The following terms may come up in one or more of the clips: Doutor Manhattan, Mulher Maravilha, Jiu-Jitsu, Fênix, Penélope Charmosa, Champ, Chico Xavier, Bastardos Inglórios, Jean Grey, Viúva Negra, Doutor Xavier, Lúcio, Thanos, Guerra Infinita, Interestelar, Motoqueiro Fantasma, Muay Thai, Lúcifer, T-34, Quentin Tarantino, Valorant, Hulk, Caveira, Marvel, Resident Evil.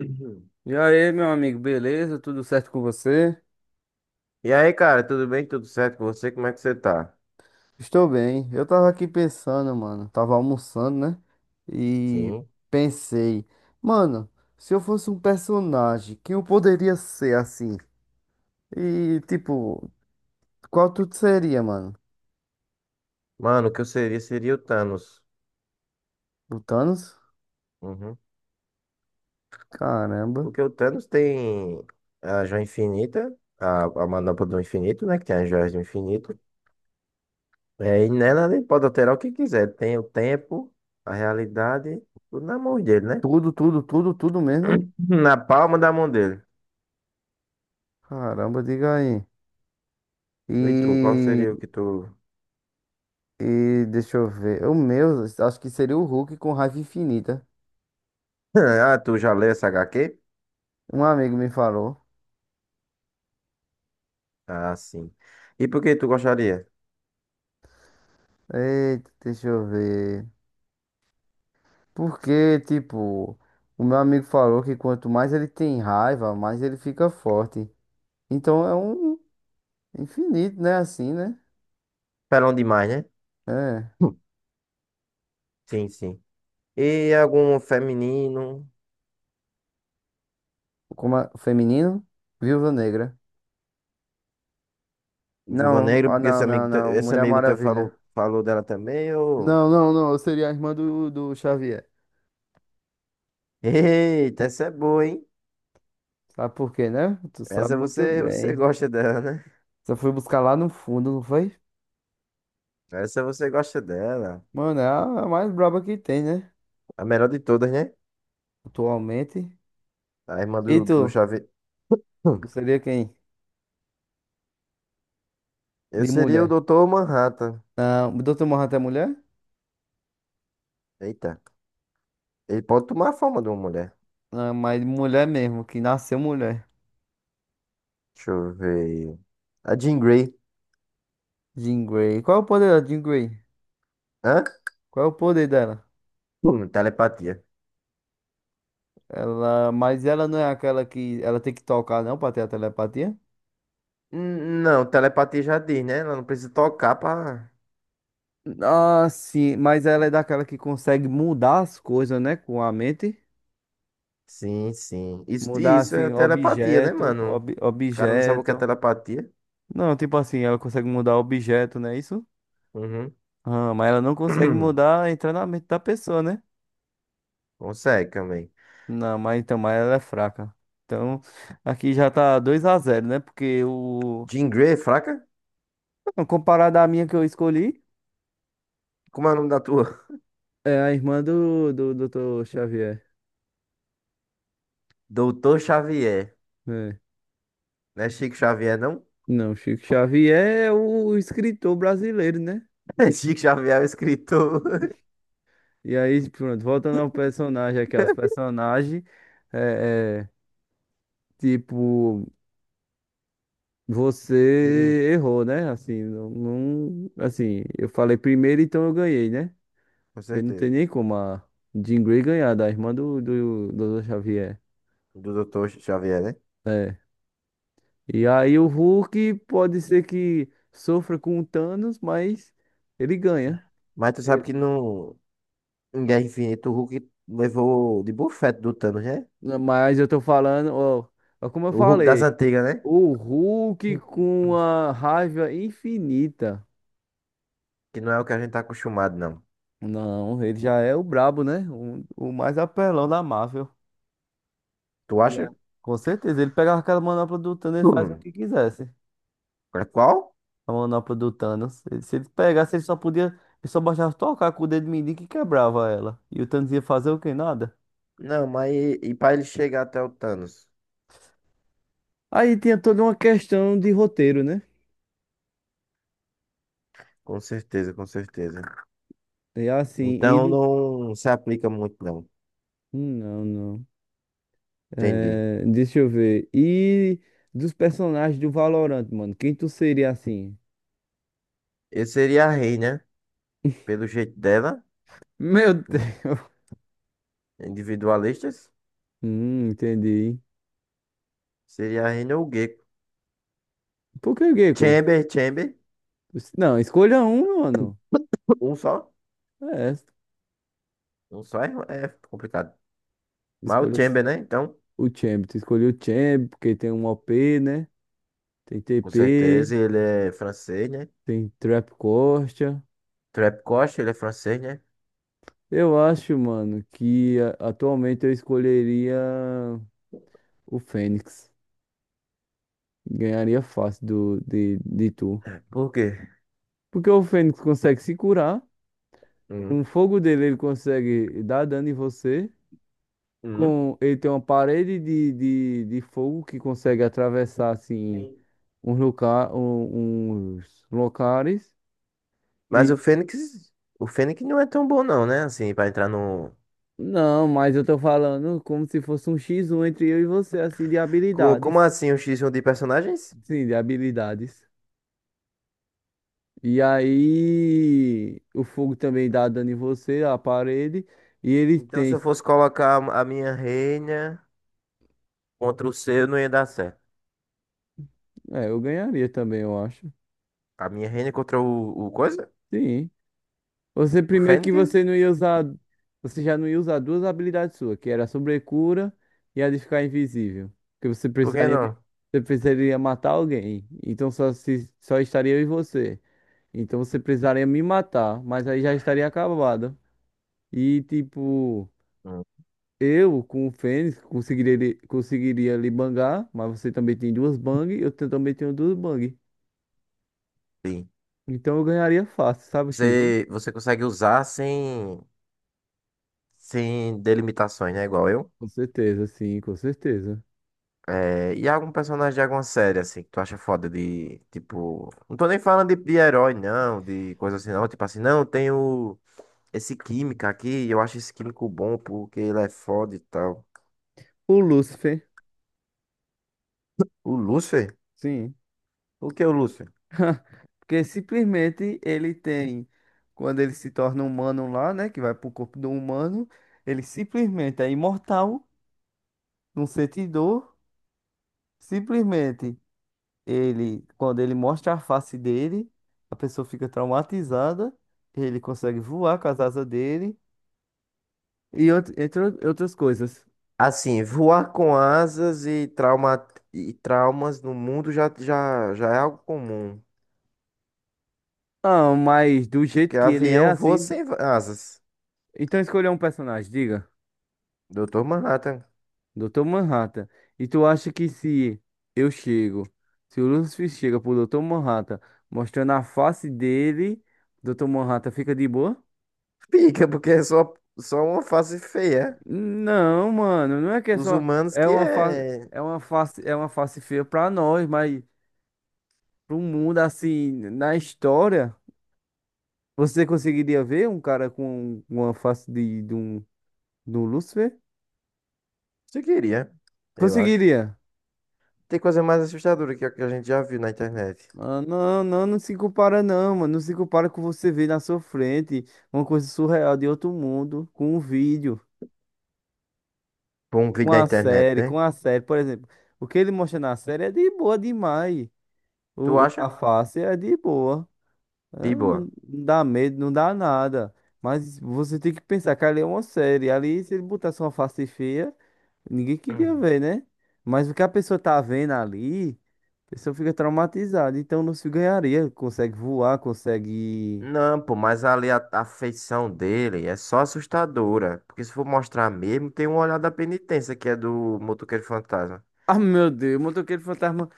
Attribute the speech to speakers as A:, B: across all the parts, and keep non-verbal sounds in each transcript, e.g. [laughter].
A: Uhum.
B: E aí, meu amigo, beleza? Tudo certo com você?
A: E aí, cara, tudo bem? Tudo certo com você? Como é que você tá?
B: Estou bem. Eu tava aqui pensando, mano. Tava almoçando, né? E
A: Sim.
B: pensei, mano, se eu fosse um personagem, quem eu poderia ser assim? E tipo, qual tu seria, mano?
A: Mano, o que eu seria seria o Thanos.
B: O Thanos?
A: Uhum.
B: Caramba.
A: Porque o Thanos tem a joia infinita, a manopla do infinito, né? Que tem as joias do infinito. É, e nela ele pode alterar o que quiser. Tem o tempo, a realidade, tudo na mão dele, né?
B: Tudo, tudo, tudo, tudo mesmo?
A: Na palma da mão dele.
B: Caramba, diga aí.
A: E tu, qual
B: E,
A: seria o que tu. [laughs]
B: e deixa eu ver. O meu, acho que seria o Hulk com raiva infinita.
A: Ah, tu já leu essa HQ?
B: Um amigo me falou.
A: Ah, sim. E por que tu gostaria?
B: Eita, deixa eu ver. Porque, tipo, o meu amigo falou que quanto mais ele tem raiva, mais ele fica forte. Então é um infinito, né? Assim, né?
A: Pelão demais, né?
B: É.
A: [laughs] Sim, sim. E algum feminino,
B: Como é? Feminino? Viúva Negra.
A: Viúva
B: Não,
A: Negra,
B: ah,
A: porque
B: não,
A: esse
B: não,
A: amigo,
B: não.
A: esse
B: Mulher
A: amigo teu
B: Maravilha.
A: falou, falou dela também, ô.
B: Não, não, não. Eu seria a irmã do Xavier.
A: Eita, essa é boa, hein?
B: Sabe por quê, né? Tu sabe
A: Essa
B: muito
A: você, você
B: bem.
A: gosta dela, né?
B: Só foi buscar lá no fundo, não foi?
A: Essa você gosta dela.
B: Mano, é a mais braba que tem, né?
A: A melhor de todas, né?
B: Atualmente.
A: A irmã
B: E
A: do
B: tu?
A: Xavier. Hum.
B: Tu
A: [clears throat]
B: seria quem?
A: Eu
B: De
A: seria o
B: mulher.
A: Doutor Manhattan.
B: Doutor Manhattan é mulher?
A: Eita. Ele pode tomar a forma de uma mulher.
B: Ah, mas mulher mesmo, que nasceu mulher.
A: Deixa eu ver. A Jean Grey.
B: Jean Grey. Qual é o poder da Jean Grey?
A: Hã?
B: Qual é o poder dela?
A: Telepatia.
B: Mas ela não é aquela que ela tem que tocar não pra ter a telepatia?
A: Não, telepatia já diz, né? Ela não precisa tocar pra.
B: Ah, sim, mas ela é daquela que consegue mudar as coisas, né, com a mente.
A: Sim, sim. Isso,
B: Mudar
A: isso
B: assim
A: é telepatia, né,
B: objeto,
A: mano? O cara não sabe o que é
B: objeto.
A: telepatia.
B: Não, tipo assim, ela consegue mudar objeto, não é isso?
A: Uhum.
B: Ah, mas ela não consegue
A: [clears throat]
B: mudar entrar na mente da pessoa, né?
A: Consegue também.
B: Não, mas então, mas ela é fraca. Então, aqui já tá 2-0, né? Porque o.
A: Jean Grey, fraca?
B: Não, comparado à minha que eu escolhi,
A: Como é o nome da tua?
B: é a irmã do doutor Xavier.
A: [laughs] Doutor Xavier.
B: É.
A: Não é Chico Xavier, não? [laughs]
B: Não, Chico Xavier é o escritor brasileiro, né?
A: É Chico Xavier, é o escritor. [laughs]
B: E aí, pronto, voltando ao personagem aqui, aos personagens, é, é, tipo,
A: Sim,
B: você errou, né? Assim, assim, eu falei primeiro, então eu ganhei, né?
A: com
B: Porque não tem
A: certeza.
B: nem como a Jean Grey ganhar da irmã do Xavier.
A: Do Doutor Xavier, né?
B: E aí o Hulk pode ser que sofra com o Thanos, mas ele ganha.
A: Mas tu sabe
B: E-
A: que no em Guerra Infinita o Hulk levou de bufete do Thanos, né?
B: Mas eu tô falando, ó, como eu
A: O Hulk das
B: falei,
A: antigas, né?
B: o Hulk com a raiva infinita.
A: Que não é o que a gente tá acostumado, não.
B: Não, ele já é o brabo, né? O mais apelão da Marvel.
A: Tu
B: E a-
A: acha?
B: Com certeza, ele pegava aquela manopla do Thanos e fazia o
A: Hum.
B: que quisesse.
A: É, qual?
B: A manopla do Thanos. Se ele pegasse, ele só podia. Ele só bastava tocar com o dedo mindinho que quebrava ela. E o Thanos ia fazer o que? Nada.
A: Não, mas e para ele chegar até o Thanos?
B: Aí tinha toda uma questão de roteiro, né?
A: Com certeza, com certeza.
B: E assim, e
A: Então
B: do.
A: não se aplica muito, não.
B: Não, não.
A: Entendi.
B: É, deixa eu ver. E dos personagens do Valorant, mano. Quem tu seria assim?
A: Eu seria a Rei, né? Pelo jeito dela,
B: Meu Deus. [laughs]
A: individualistas,
B: Entendi.
A: seria a Reina ou o Gecko.
B: Por que, Gecko?
A: Chamber, Chamber,
B: Não, escolha um, mano.
A: um só.
B: É,
A: Um só é complicado. Mas o
B: escolha
A: Chamber, né? Então,
B: o Champ. Tu escolheu o Champ, porque tem um OP, né? Tem
A: com
B: TP.
A: certeza ele é francês, né?
B: Tem Trap Costa.
A: Trapcoche, ele é francês, né?
B: Eu acho, mano, que atualmente eu escolheria o Fênix. Ganharia fácil do, de tu.
A: Por quê?
B: Porque o Fênix consegue se curar. Com
A: Hum,
B: o fogo dele, ele consegue dar dano em você.
A: hum.
B: Ele tem uma parede de fogo que consegue atravessar, assim, uns locais.
A: Mas
B: E.
A: o Fênix não é tão bom, não, né? Assim, para entrar no.
B: Não, mas eu tô falando como se fosse um x um entre eu e você, assim, de
A: Como
B: habilidades.
A: assim, um X1 de personagens?
B: Sim, de habilidades. E aí, o fogo também dá dano em você, a parede. E ele
A: Então, se
B: tem.
A: eu fosse colocar a minha reina contra o seu, não ia dar certo.
B: É, eu ganharia também, eu acho.
A: A minha reina contra o coisa?
B: Sim. Você,
A: O
B: primeiro que
A: Fênix?
B: você não ia usar. Você já não ia usar duas habilidades suas, que era a sobrecura e a de ficar invisível. Porque você
A: Por que
B: precisaria,
A: não?
B: você precisaria matar alguém. Então só, se, só estaria eu e você. Então você precisaria me matar, mas aí já estaria acabada. E tipo.
A: Hum,
B: Eu, com o Fênix, conseguiria lhe bangar, mas você também tem duas bang, também tenho duas bang.
A: sim.
B: Então eu ganharia fácil, sabe, X1?
A: Você consegue usar sem delimitações, né? Igual eu.
B: Com certeza, sim, com certeza.
A: É, e algum personagem de alguma série, assim, que tu acha foda de, tipo. Não tô nem falando de herói, não, de coisa assim, não. Tipo assim, não, tem esse químico aqui, eu acho esse químico bom porque ele é foda e tal.
B: O Lúcifer.
A: O Lúcifer?
B: Sim,
A: O que é o Lúcio?
B: porque simplesmente ele tem, quando ele se torna humano lá, né? Que vai pro corpo do humano, ele simplesmente é imortal, não sente dor, simplesmente. Ele, quando ele mostra a face dele, a pessoa fica traumatizada, ele consegue voar com as asas dele e entre outras coisas.
A: Assim, voar com asas e, trauma, e traumas no mundo já, já, já é algo comum.
B: Ah, mas do
A: Porque
B: jeito que ele é
A: avião voa
B: assim,
A: sem asas.
B: então escolha um personagem, diga,
A: Doutor Manhattan.
B: Dr. Manhattan. E tu acha que se eu chego, se o Lucifer chega pro Dr. Manhattan, mostrando a face dele, Dr. Manhattan fica de boa?
A: Pica porque é só uma face feia.
B: Não, mano, não é que é
A: É? Os
B: só
A: humanos
B: é
A: que
B: uma face,
A: é.
B: feia pra nós, mas pro mundo, assim, na história, você conseguiria ver um cara com uma face do Lúcifer?
A: Se queria, eu acho.
B: Conseguiria.
A: Tem coisa mais assustadora que a gente já viu na internet.
B: Ah, não, não, não se compara não, mano. Não se compara com você ver na sua frente uma coisa surreal de outro mundo, com um vídeo,
A: Bom, um vídeo na internet,
B: com
A: né?
B: a série. Por exemplo, o que ele mostra na série é de boa demais.
A: Tu
B: A
A: acha?
B: face é de boa. Ah,
A: De
B: não, não
A: boa.
B: dá medo, não dá nada. Mas você tem que pensar que ali é uma série. Ali, se ele botasse uma face feia. Ninguém queria ver, né? Mas o que a pessoa tá vendo ali, a pessoa fica traumatizada. Então não se ganharia. Consegue voar, consegue.
A: Não, pô, mas ali a feição dele é só assustadora. Porque se for mostrar mesmo, tem um olhar da penitência que é do Motoqueiro Fantasma.
B: Ah, meu Deus, o Motoqueiro Fantasma.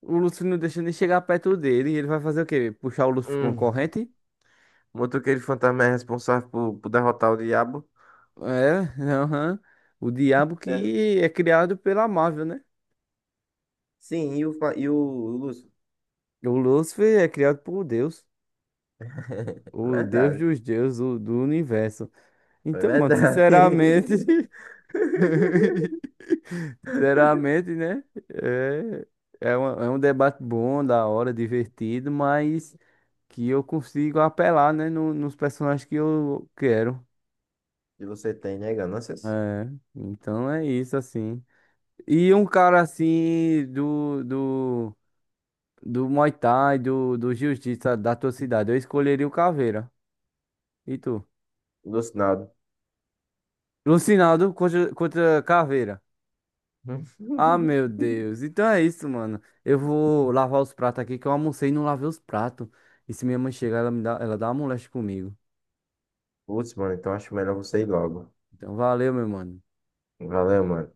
B: O Lúcio não deixa nem chegar perto dele. E ele vai fazer o quê? Puxar o Lúcio com a
A: Hum,
B: corrente?
A: o Motoqueiro Fantasma é responsável por derrotar o diabo?
B: É, aham. O diabo
A: Sério?
B: que é criado pela Marvel, né?
A: Sim, e o Lúcio?
B: O Lúcifer é criado por Deus.
A: [laughs]
B: O Deus
A: Verdade,
B: dos deuses, o do universo.
A: é
B: Então, mano,
A: verdade.
B: sinceramente. [laughs]
A: [laughs]
B: Sinceramente, né? É um debate bom, da hora, divertido, mas que eu consigo apelar, né, nos personagens que eu quero.
A: E você tem, né, ganâncias?
B: É, então é isso, assim. E um cara assim do, Muay Thai, do Jiu-Jitsu da tua cidade, eu escolheria o Caveira. E tu?
A: Lúcio, nada.
B: Lucinaldo contra Caveira. Ah, meu Deus. Então é isso, mano. Eu vou lavar os pratos aqui, que eu almocei e não lavei os pratos. E se minha mãe chegar, ela dá uma moléstia comigo.
A: Lúcio, [laughs] mano, então acho melhor você ir logo.
B: Então valeu, meu mano.
A: Valeu, mano.